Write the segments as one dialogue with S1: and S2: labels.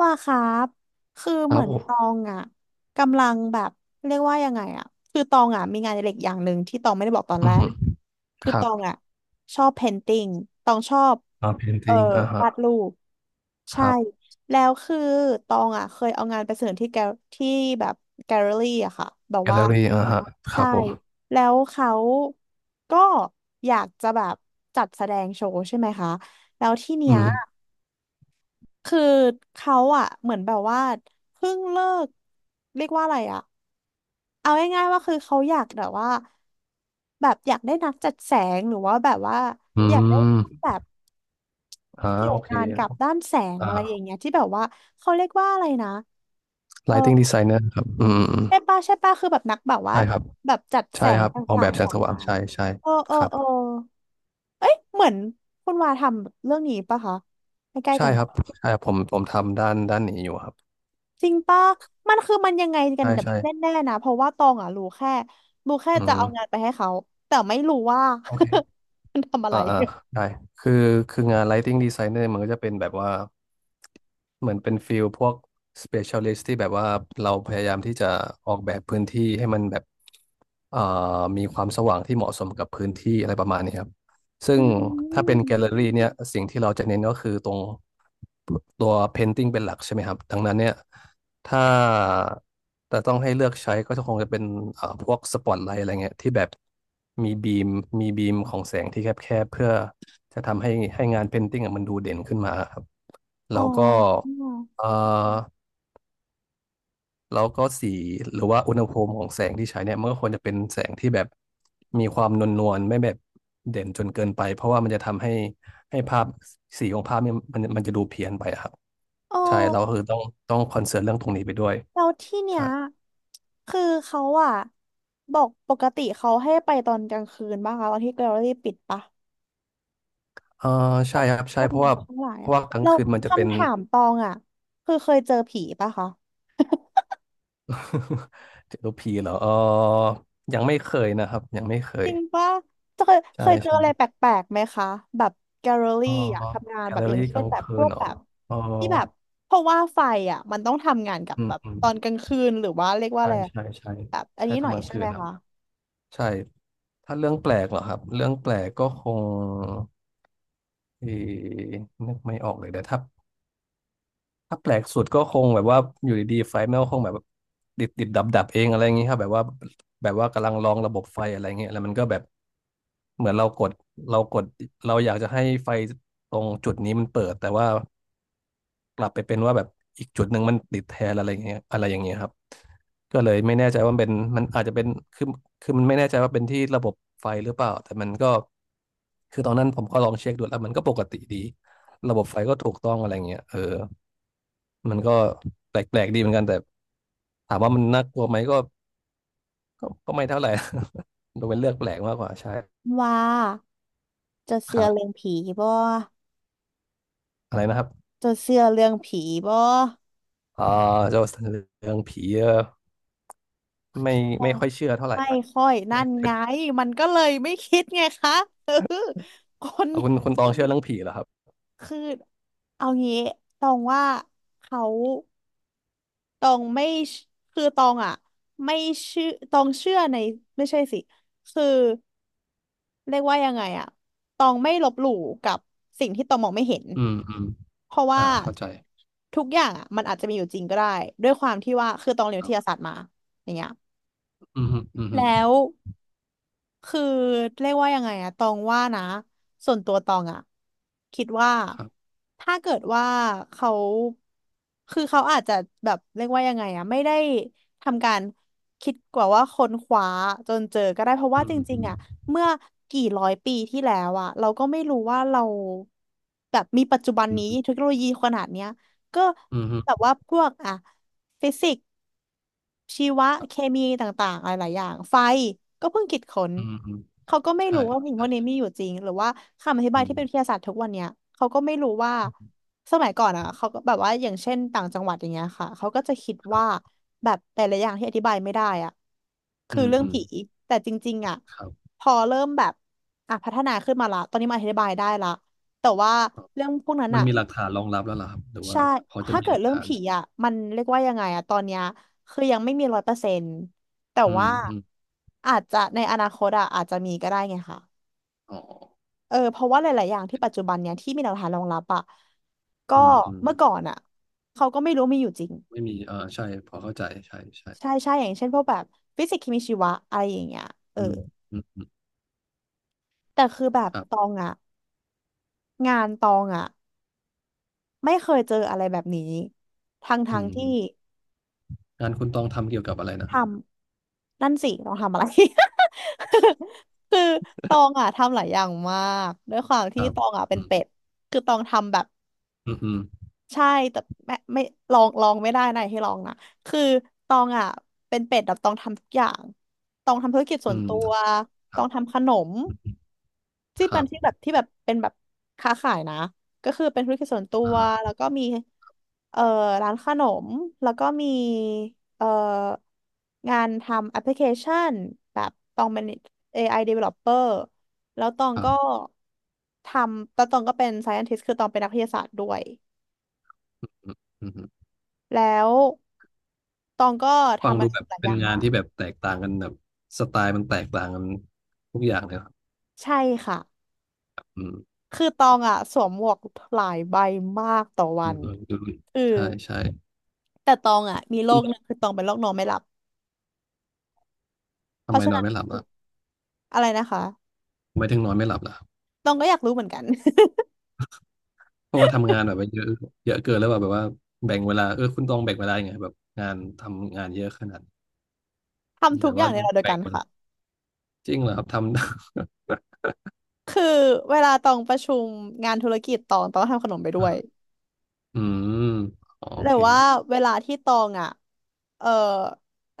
S1: ว่าครับคือ
S2: ค
S1: เห
S2: รั
S1: มื
S2: บ
S1: อน
S2: ผ
S1: ตอ
S2: ม
S1: งอ่ะกำลังแบบเรียกว่ายังไงอ่ะคือตองอ่ะมีงานอดิเรกอย่างหนึ่งที่ตองไม่ได้บอกตอน
S2: อื
S1: แร
S2: อ
S1: ก
S2: ฮึ
S1: คือ
S2: ค
S1: ต
S2: รับ
S1: องอ่ะชอบเพนติ n งตองชอบ
S2: อ่าเพน
S1: เอ่อ
S2: ติงอ่าฮะ
S1: วาดรูป
S2: ค
S1: ใช่
S2: รับ
S1: แล้วคือตองอ่ะเคยเอางานไปเสนอที่แกลที่แบบแกลเลอรี่อะค่ะแบบ
S2: แกลเล
S1: ว่า
S2: อรี่อ่าฮะค
S1: ใช่
S2: รับผม
S1: แล้วเขาก็อยากจะแบบจัดแสดงโชว์ใช่ไหมคะแล้วที่เนี้
S2: อื
S1: ย
S2: ม
S1: คือเขาอะเหมือนแบบว่าเพิ่งเลิกเรียกว่าอะไรอะเอาง่ายๆว่าคือเขาอยากแบบว่าแบบอยากได้นักจัดแสงหรือว่าแบบว่า
S2: อื
S1: อยากได้
S2: ม
S1: แบบ
S2: อ่า
S1: เกี่ย
S2: โอ
S1: ว
S2: เค
S1: งานกับด้านแสงอะไรอย่าง
S2: อ่า
S1: เงี้ยที่แบบว่าเขาเรียกว่าอะไรนะเออ
S2: Lighting Designer ครับอืมอืม
S1: ใช่ป่ะใช่ป่ะคือแบบนักแบบว่า
S2: ใช่ครับ
S1: แบบจัดแส
S2: ใช่
S1: ง
S2: ครับ
S1: ต
S2: ออกแบ
S1: ่าง
S2: บแส
S1: ๆขอ
S2: ง
S1: ง
S2: สว่าง
S1: งาน
S2: ใช่ใช่
S1: เออเออ
S2: ครับ
S1: เออเอ้ยเหมือนคุณวาทำเรื่องนี้ปะคะใกล้ๆ
S2: ใช่
S1: กัน
S2: ครั
S1: ปะ
S2: บใช่ครับผมผมทำด้านด้านนี้อยู่ครับ
S1: จริงป่ะมันคือมันยังไงกัน
S2: ใช่
S1: แบบ
S2: ใช่
S1: แน่ๆนะเพราะว่าตองอ่ะรู้แค่
S2: อื
S1: จะเอางา
S2: ม
S1: นไปให้เขาแต่ไม่รู้ว่า
S2: โอเค
S1: มันทำอะ
S2: อ่า
S1: ไร
S2: อ่าได้คือคืองาน Lighting Designer มันก็จะเป็นแบบว่าเหมือนเป็นฟิลพวก specialist ที่แบบว่าเราพยายามที่จะออกแบบพื้นที่ให้มันแบบเอ่อมีความสว่างที่เหมาะสมกับพื้นที่อะไรประมาณนี้ครับซึ่
S1: อื
S2: งถ้าเป็นแกล
S1: ม
S2: เลอรี่เนี่ยสิ่งที่เราจะเน้นก็คือตรง ตัว Painting เป็นหลักใช่ไหมครับดังนั้นเนี่ยถ้าแต่ต้องให้เลือกใช้ก็คงจะเป็นพวกสปอตไล h ์อะไรเงี้ยที่แบบมีบีมมีบีมของแสงที่แคบๆเพื่อจะทำให้ให้งาน Painting อะมันดูเด่นขึ้นมาครับ
S1: อ๋
S2: แล้วก็
S1: อ
S2: เอ่อแล้วก็สีหรือว่าอุณหภูมิของแสงที่ใช้เนี่ยมันก็ควรจะเป็นแสงที่แบบมีความนวลนวลไม่แบบเด่นจนเกินไปเพราะว่ามันจะทำให้ให้ภาพสีของภาพเนี่ยมันจะดูเพี้ยนไปครับ
S1: อ๋อ
S2: ใช่เราคือต้องต้องคอนเซิร์นเรื่องตรงนี้ไปด้วย
S1: แล้วที่เนี้
S2: ใช่
S1: ยคือเขาอ่ะบอกปกติเขาให้ไปตอนกลางคืนบ้างคะตอนที่แกลเลอรี่ปิดปะ
S2: เออ
S1: แบ
S2: ใช่
S1: บ
S2: ครับ
S1: พ
S2: ใช่
S1: วก
S2: เพราะ
S1: น้อ
S2: ว่า
S1: งทั้งหลาย
S2: เพ
S1: อะ
S2: ราะว่ากลาง
S1: แล้ว
S2: คืนมันจะเป็น
S1: คำถามตองอ่ะคือเคยเจอผีปะคะ
S2: เจอผีเหรอเออยังไม่เคยนะครับยังไม่เค
S1: จ
S2: ย
S1: ริงป่ะเคยเค
S2: ใช่
S1: ยเจออะไร
S2: ใช่
S1: แปลกๆไหมคะแบบแกลเลอ
S2: อ๋
S1: รี่
S2: อ
S1: อะทำงาน
S2: แก
S1: แบ
S2: ลเล
S1: บ
S2: อ
S1: อย่าง
S2: รี่ก
S1: เช่น
S2: ลาง
S1: แบบ
S2: คื
S1: พ
S2: น
S1: วก
S2: เหรอ
S1: แบบ
S2: อ๋อ
S1: ที่แบบเพราะว่าไฟอะมันต้องทำงานกับ
S2: อืม
S1: แบบ
S2: อืม
S1: ตอนกลางคืนหรือว่าเรียกว่าอะ
S2: ใช่
S1: ไรอะ
S2: ใช่ใช่
S1: แบบอัน
S2: ใช่
S1: นี้หน่อ
S2: ทำ
S1: ย
S2: กลาง
S1: ใช่
S2: คื
S1: ไหม
S2: นครับ
S1: คะ
S2: ใช่ถ้าเรื่องแปลกเหรอครับเรื่องแปลกก็คงเออนึกไม่ออกเลยแต่ถ้า ถ้าแปลกสุดก็คงแบบว่าอยู่ดีๆไฟแม่งก็คงแบบติดติดดับดับๆเองอะไรอย่างงี้ครับแบบว่าแบบว่ากำลังลองระบบไฟอะไรเงี้ยแล้วมันก็แบบเหมือนเรากดเราอยากจะให้ไฟตรงจุดนี้มันเปิดแต่ว่ากลับไปเป็นว่าแบบอีกจุดหนึ่งมันติดแทนอะไรเงี้ยอะไรอย่างเงี้ยครับก็เลยไม่แน่ใจว่ามันเป็นมันอาจจะเป็นคือคือมันไม่แน่ใจว่าเป็นที่ระบบไฟหรือเปล่าแต่มันก็คือตอนนั้นผมก็ลองเช็คดูแล้วมันก็ปกติดี ระบบไฟก็ถูกต้องอะไรเงี้ยเออมันก็แปลกๆดีเหมือนกันแต่ถามว่ามันน่ากลัวไหมก็ก็ไม่เท่าไหร่ ดูเป็นเรื่องแปลกมากกว่าใช่
S1: ว่าจะ
S2: ค
S1: เชื่อ
S2: รั
S1: เรื่อง
S2: บ
S1: ผีบ่
S2: อะไรนะครับ
S1: จะเชื่อเรื่องผีบ่
S2: อ่าเจ้าเรื่องผีเออไม่
S1: ยั
S2: ไม่
S1: ง
S2: ค่อยเชื่อเท่าไหร่
S1: ไม่ค่อยนั่
S2: ไม่
S1: น
S2: เป็
S1: ไง
S2: น
S1: มันก็เลยไม่คิดไงคะเออคน
S2: เอาคุณต องเชื่อเรื่องผีเหรอครับ
S1: คือเอางี้ตรงว่าเขา ตองไม่เชคือตองอ่ะไม่เชื่อตองเชื่อในไม่ใช่สิคือเรียกว่ายังไงอ่ะตองไม่ลบหลู่กับสิ่งที่ตองมองไม่เห็น
S2: อืมอืม
S1: เพราะ
S2: อ่า
S1: ว่า
S2: เข้าใจ
S1: ทุกอย่างอ่ะมันอาจจะมีอยู่จริงก็ได้ด้วยความที่ว่าคือตองเรียน
S2: ค
S1: วิ
S2: รั
S1: ท
S2: บ
S1: ยาศาสตร์มาอย่างเงี้ย
S2: อืมฮึอืมฮึ
S1: แล้ว คือเรียกว่ายังไงอะตองว่านะส่วนตัวตองอะคิดว่า
S2: ครับ
S1: ถ้าเกิดว่าเขาคือเขาอาจจะแบบเรียกว่ายังไงอะไม่ได้ทำการคิดกว่าว่าค้นคว้าจนเจอก็ได้เพราะ
S2: อื
S1: ว่าจ
S2: ม
S1: ริ
S2: อื
S1: ง
S2: ม
S1: ๆอะเมื่อกี่ร้อยปีที่แล้วอะเราก็ไม่รู้ว่าเราแบบมีปัจจุบัน
S2: อื
S1: นี้
S2: ม
S1: เทคโนโลยีขนาดเนี้ยก็
S2: อืมฮึ
S1: แบบว่าพวกอะฟิสิก ชีวะ
S2: ครั
S1: เค
S2: บ
S1: มีต่างๆอะไรหลายอย่างไฟก็เพิ่งคิดค้น
S2: อืมอืม
S1: เขาก็ไม่
S2: ใช่
S1: รู้ว่าสิ่งพ
S2: ใช่
S1: วกนี้มีอยู่จริงหรือว่าคำอธิบาย
S2: อื
S1: ที่
S2: ม
S1: เป็นวิทยาศาสตร์ทุกวันเนี้ยเขาก็ไม่รู้ว่าสมัยก่อนอ่ะเขาก็แบบว่าอย่างเช่นต่างจังหวัดอย่างเงี้ยค่ะเขาก็จะคิด
S2: ครั
S1: ว่า
S2: บ
S1: แบบแต่ละอย่างที่อธิบายไม่ได้อ่ะ
S2: อื
S1: คือ
S2: ม
S1: เรื่อง
S2: อืม
S1: ผีแต่จริงๆอ่ะ
S2: ครับ
S1: พอเริ่มแบบอ่ะพัฒนาขึ้นมาละตอนนี้มาอธิบายได้ละแต่ว่าเรื่องพวกนั้น
S2: มัน
S1: อ่ะ
S2: มีหลักฐานรองรับแล้วเหรอครับหรือว่า
S1: ใช่
S2: พอจะ
S1: ถ้า
S2: มี
S1: เกิ
S2: ห
S1: ด
S2: ลัก
S1: เรื่อง
S2: ฐาน
S1: ผีอ่ะมันเรียกว่ายังไงอ่ะตอนเนี้ยคือยังไม่มีร้อยเปอร์เซ็นต์แต่
S2: อืม
S1: ว่า
S2: อืม
S1: อาจจะในอนาคตอ่ะอาจจะมีก็ได้ไงค่ะ
S2: อ๋อ
S1: เออเพราะว่าหลายๆอย่างที่ปัจจุบันเนี่ยที่มีหลักฐานรองรับอ่ะก็
S2: อืมอืม
S1: เมื่อก่อนอ่ะเขาก็ไม่รู้มีอยู่จริง
S2: ไม่มีเออใช่พอเข้าใจใช่ใช่
S1: ใช่ใช่อย่างเช่นพวกแบบฟิสิกส์เคมีชีวะอะไรอย่างเงี้ยเออ
S2: อืมอืมอืม
S1: แต่คือแบบ
S2: ครับ
S1: ตองอ่ะงานตองอ่ะไม่เคยเจออะไรแบบนี้ทั้งท
S2: อื
S1: ง
S2: ม
S1: ที่
S2: งานคุณต้องทำเกี่ยวกับอะไร
S1: ท
S2: นะครับ
S1: ำ นั่นสิต้องทำอะไร คือตองอ่ะทำหลายอย่างมาก ด้วยความ
S2: ค
S1: ที่
S2: รับ
S1: ตองอ่ะเป็
S2: อื
S1: น
S2: ม
S1: เป็ด คือตองทำแบบ
S2: อืมอืม
S1: ใช่แต่ไม่ลองไม่ได้นะให้ลองนะคือตองอ่ะเป็นเป็ดแบบตองทำทุกอย่างตองทำธุรกิจส่
S2: อื
S1: วน
S2: ม
S1: ตัว
S2: ค
S1: ต
S2: รั
S1: อ
S2: บ
S1: งทำขนม
S2: อืม
S1: ที่
S2: ค
S1: เป็
S2: รั
S1: น
S2: บ
S1: ที่แบบที่แบบเป็นแบบค้าขายนะก็คือเป็นธุรกิจส่วนตัวแล้
S2: อ่า
S1: วก็มีเอ่อร้านขนมแล้วก็มีเอ่องานทำแอปพลิเคชันแบบตองเป็น AI developer แล้วตอง
S2: ครั
S1: ก็
S2: บ
S1: ทำแล้วตองก็เป็น scientist คือตองเป็นนักวิทยาศาสตร์ด้วย
S2: อืมอืม
S1: แล้วตองก็
S2: ฟัง
S1: ทำ
S2: ดู
S1: อะไร
S2: แบบ
S1: หลายอ
S2: เป็น
S1: ย่าง
S2: งาน
S1: มาก
S2: ที่แบบแตกต่างกันแบบสไตล์มันแตกต่างกันทุกอย่างเลยครับ
S1: ใช่ค่ะ
S2: อืม
S1: คือตองอ่ะสวมหมวกหลายใบมากต่อวั
S2: อืม
S1: น
S2: เออดูดิ
S1: คือ
S2: ใช่ใช่
S1: แต่ตองอ่ะมีโร
S2: คุ
S1: คหนึง
S2: ณ
S1: คือตองเป็นโรคนอนไม่หลับเพ
S2: ทำไม
S1: ราะฉะ
S2: นอ
S1: นั้
S2: น
S1: น
S2: ไม่หลับล่ะ
S1: อะไรนะคะ
S2: ทำไมถึงนอนไม่หลับล่ะ
S1: ตองก็อยากรู้เหมือนกัน
S2: เพราะว่าทำงานแบบว่าเยอะเยอะเกินแล้วแบบว่าแบ่งเวลาเออคุณต้องแบ่งเวลายังไงแบบงานทำงานเยอะขนาดนี้
S1: ทำ
S2: แบ
S1: ทุก
S2: บ
S1: อย่า
S2: ว่า
S1: งในเวลาเดียว
S2: แบ่
S1: กั
S2: ง
S1: น
S2: เว
S1: ค่ะ
S2: ลาจริงเหรอครับทำ
S1: คือเวลาตองประชุมงานธุรกิจตองก็ทำขนมไปด้วย
S2: อืมอ๋อโอ
S1: แต่
S2: เค
S1: ว่าเวลาที่ตองอ่ะเออ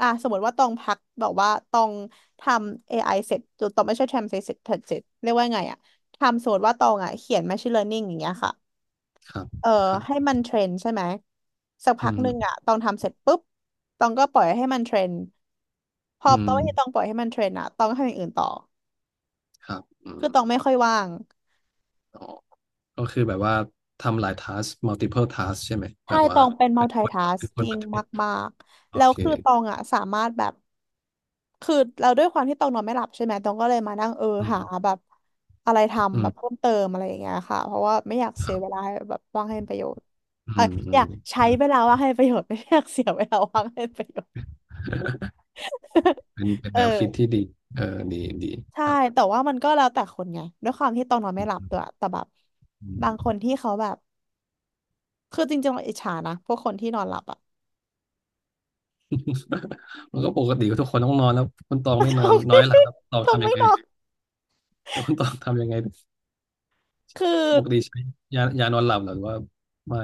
S1: อ่ะสมมติว่าตองพักแบบว่าตองทำ AI เสร็จตองไม่ใช่ทำเสร็จเสร็จเสร็จเรียกว่าไงอ่ะทำสมมติว่าตองอ่ะเขียน Machine Learning อย่างเงี้ยค่ะ
S2: ครับ
S1: เออ
S2: ครับ
S1: ให้มันเทรนใช่ไหมสักพั
S2: อื
S1: กหนึ่งอะ
S2: ม
S1: ตองทำเสร็จปุ๊บตองก็ปล่อยให้มันเทรนพอ
S2: อื
S1: ต
S2: ม
S1: องที่ตองปล่อยให้มันเทรนอะตองก็ทำอย่างอื่นต่อ
S2: ครับอืม
S1: คือตองไม่ค่อยว่าง
S2: อ๋อก็คือแบบว่าทำหลาย task multiple task ใช่ไหมแบ
S1: ใช่
S2: บ
S1: ต
S2: ว่า
S1: องเป็น
S2: เป็นคนป
S1: multitasking
S2: ฏิบัติ
S1: มากๆ
S2: โอ
S1: แล้ว
S2: เค
S1: คือตองอะสามารถแบบคือเราด้วยความที่ตองนอนไม่หลับใช่ไหมตองก็เลยมานั่ง
S2: อื
S1: หา
S2: ม
S1: แบบอะไร
S2: อื
S1: ทำแบบ
S2: ม
S1: เพิ่มเติมอะไรอย่างเงี้ยค่ะเพราะว่าไม่อยาก
S2: ค
S1: เสี
S2: รั
S1: ย
S2: บ
S1: เวลาแบบว่างให้เป็นประโยชน์
S2: อื
S1: เออ
S2: มอื
S1: อยา
S2: ม
S1: กใช้เวลาว่างให้เป็นประโยชน์ไม่อยากเสียเวลาว่างให้เป็นประโยชน์
S2: อืมเป็นเป็ น
S1: เอ
S2: แน
S1: อ
S2: วคิดที่ดีเออดีดี
S1: ใช่
S2: ครับ
S1: แต่ว่ามันก็แล้วแต่คนไงด้วยความที่ต้องนอนไม่หลับด้วยแต่แบบ
S2: อื
S1: บางค
S2: ม
S1: นที่เขาแบบคือจริงๆเราอิจฉานะพวกคนที่นอนหลับอะ
S2: มันก็ปกติทุกคนต้องนอนแล้วคุณตองไม่ นอ
S1: เขา
S2: นน้อ
S1: ไม่
S2: ยหลับแล้วตอง
S1: เขา
S2: ทำยั
S1: ไม่
S2: งไง
S1: นอน
S2: แล้วคุณตองทำยังไง
S1: คือ
S2: ปกติใช้ยายานอนหลับเหรอหรือว่าไม่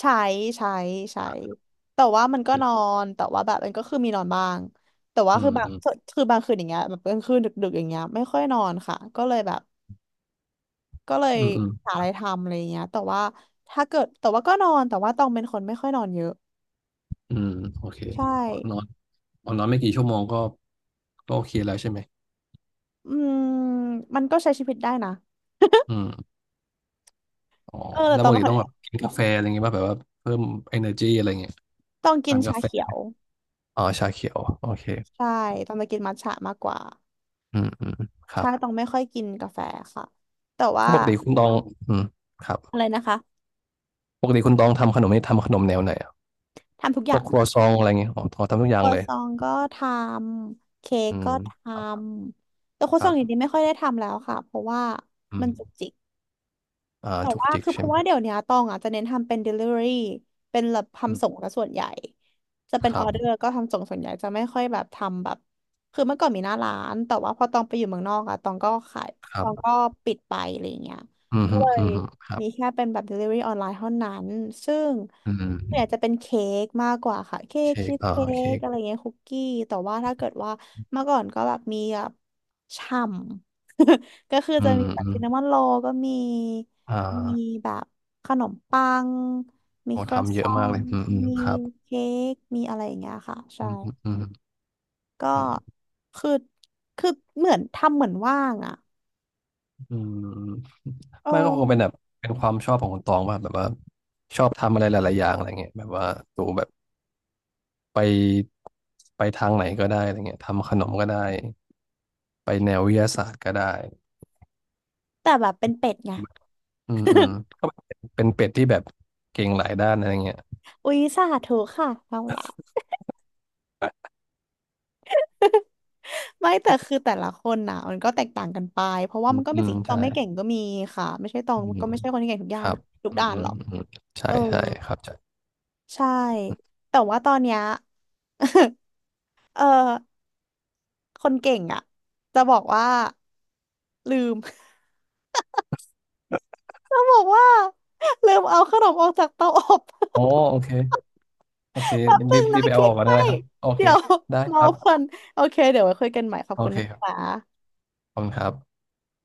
S1: ใช้ใช้ใช้
S2: อ่ะ
S1: แต่ว่ามัน
S2: โอ
S1: ก็นอ
S2: เค
S1: นแต่ว่าแบบมันก็คือมีนอนบ้างแต่ว่า
S2: อืมอืม
S1: คือบางคืนอย่างเงี้ยแบบกลางคืนดึกๆอย่างเงี้ยไม่ค่อยนอนค่ะก็เลยแบบก็เลย
S2: อืมอืม
S1: หาอะไรทำอะไรเงี้ยแต่ว่าถ้าเกิดแต่ว่าก็นอนแต่ว่าต้องเป็นคนไม่ค่อยนอนเยอะ
S2: อืมโอเค
S1: ใช่
S2: อ๋อนอนอ๋อนอนไม่กี่ชั่วโมงก็ก็โอเคแล้วใช่ไหม
S1: อืมมันก็ใช้ชีวิตได้นะ
S2: อืมอ๋อ
S1: แต่
S2: แล้ว
S1: ต
S2: ป
S1: อง
S2: ก
S1: ไม่
S2: ติ
S1: ค่อย
S2: ต้องแบบกินกาแฟอะไรเงี้ยป่ะแบบว่าเพิ่ม energy อะไรเงี้ย
S1: ต้องกิ
S2: ทา
S1: น
S2: นกา
S1: ชา
S2: แฟ
S1: เขียว
S2: อ๋อชาเขียวโอเค
S1: ใช่ต้องจะกินมัทฉะมากกว่า
S2: อืมอืมครั
S1: ใช่
S2: บ
S1: ต้องไม่ค่อยกินกาแฟค่ะ แต่ว่า
S2: ปกติคุณตองอืมครับ
S1: อะไรนะคะ
S2: ปกติคุณตองทำขนมนี่ทำขนมแนวไหน
S1: ทำทุกอ
S2: พว
S1: ย่า
S2: ก
S1: ง
S2: ครัวซองอะไรเงี้ยอ๋อทอทำทุกอ
S1: ค
S2: ย่า
S1: รั
S2: ง
S1: ว
S2: เลย
S1: ซองก็ทำเค้ก
S2: อืม
S1: ก็ท
S2: ครับ
S1: ำแต่ครัว
S2: ค
S1: ซอ
S2: รั
S1: งอย่าง
S2: บ
S1: นี้ไม่ค่อยได้ทำแล้วค่ะเพราะว่า
S2: อื
S1: มันจุก
S2: ม
S1: จิก
S2: อ่า
S1: แต่
S2: จุก
S1: ว่า
S2: จิก
S1: คือเพ
S2: ใช่
S1: ราะ
S2: ไหม
S1: ว่าเดี๋ยวเนี้ยตองอ่ะจะเน้นทำเป็น delivery เป็นแบบ
S2: อื
S1: ทำ
S2: ม
S1: ส่งซะส่วนใหญ่จะเป็น
S2: ค
S1: อ
S2: รั
S1: อเดอ
S2: บ
S1: ร์ก็ทำส่งส่วนใหญ่จะไม่ค่อยแบบทำแบบคือเมื่อก่อนมีหน้าร้านแต่ว่าพอตองไปอยู่เมืองนอกอ่ะตองก็ขาย
S2: ค
S1: ต
S2: รั
S1: องก็
S2: บ
S1: ปิดไปอะไรเงี้ย
S2: อืม
S1: ก็
S2: ฮึ
S1: เล
S2: อื
S1: ย
S2: มฮึครับ
S1: มีแค่เป็นแบบ delivery ออนไลน์เท่านั้นซึ่ง
S2: อื
S1: เวนี่ย
S2: ม
S1: จะเป็นเค้กมากกว่าค่ะเค้ก
S2: เค้
S1: ชี
S2: ก
S1: ส
S2: อ่า
S1: เค้
S2: เค้
S1: ก
S2: ก
S1: อะไรเงี้ยคุกกี้แต่ว่าถ้าเกิดว่าเมื่อก่อนก็แบบมีแบบฉ่ำ ก็คือ
S2: อื
S1: จะ
S2: ม
S1: มีแบ
S2: อื
S1: บ
S2: ม
S1: ซินนามอนโรลก็มี
S2: อ่
S1: มี
S2: า
S1: แบบขนมปังมี
S2: โอ้
S1: ครัว
S2: ทำเย
S1: ซ
S2: อะ
S1: อ
S2: มาก
S1: ง
S2: เลยอืมอืม
S1: มี
S2: ครับ
S1: เค้กมีอะไรอย่างเงี้ยค่ะ
S2: อื
S1: ใช่
S2: มฮึอืมฮึ
S1: ก็
S2: อืม
S1: คือคือเหมือนทำเหมือนว่างอ่ะ
S2: อืม
S1: เอ
S2: ไม่ก็คงเป็นแบบ
S1: อ
S2: เป็นความชอบของคุณตองว่าแบบว่าชอบทำอะไรหลายๆอย่างอะไรเงี้ยแบบว่าตูแบบไปไปทางไหนก็ได้อะไรเงี้ยทำขนมก็ได้ไปแนววิทยาศาสตร์ก็ได้
S1: แต่แบบเป็นเป็ดไง
S2: อืมอืมก็เป็นเป็ดที่แบบเก่งหลายด้านอะไรเงี้ย
S1: อุ๊ยสาธุค่ะเอาละไม่แต่คือแต่ละคนน่ะมันก็แตกต่างกันไปเพราะว่า
S2: อื
S1: มั
S2: ม
S1: นก็
S2: อื
S1: เป็น
S2: ม
S1: สิ่งที่ตอ
S2: ใช่
S1: งไม่เก่งก็มีค่ะไม่ใช่ตอง
S2: อืม
S1: ก็ไม่ใช่คนที่เก่งทุก
S2: ค
S1: ด้าน
S2: รับ
S1: ทุก
S2: อืม
S1: ด้าน
S2: อื
S1: หร
S2: ม
S1: อก
S2: อืมใช่
S1: เออ
S2: ใช่ครับใช่
S1: ใช่แต่ว่าตอนเนี้ย เออคนเก่งอ่ะจะบอกว่าลืม จะบอกว่าลืมเอาขนมออกจากเตาอบ
S2: โอ้ โอเคโอเค
S1: แป๊บ
S2: รี
S1: นึง
S2: บรี
S1: นะ
S2: บไปเอา
S1: เค้
S2: ออ
S1: ก
S2: กก่อน
S1: ไหม
S2: ได้เลยครับโอเค
S1: เดี๋ยว
S2: ได้ ค
S1: เมา
S2: รั
S1: เพลิ
S2: บ
S1: นโอเคเดี๋ยวไว้คุยกันใหม่ขอบ
S2: โอ
S1: คุณ
S2: เค
S1: นะ
S2: ครั
S1: คะ
S2: บขอบคุณครับ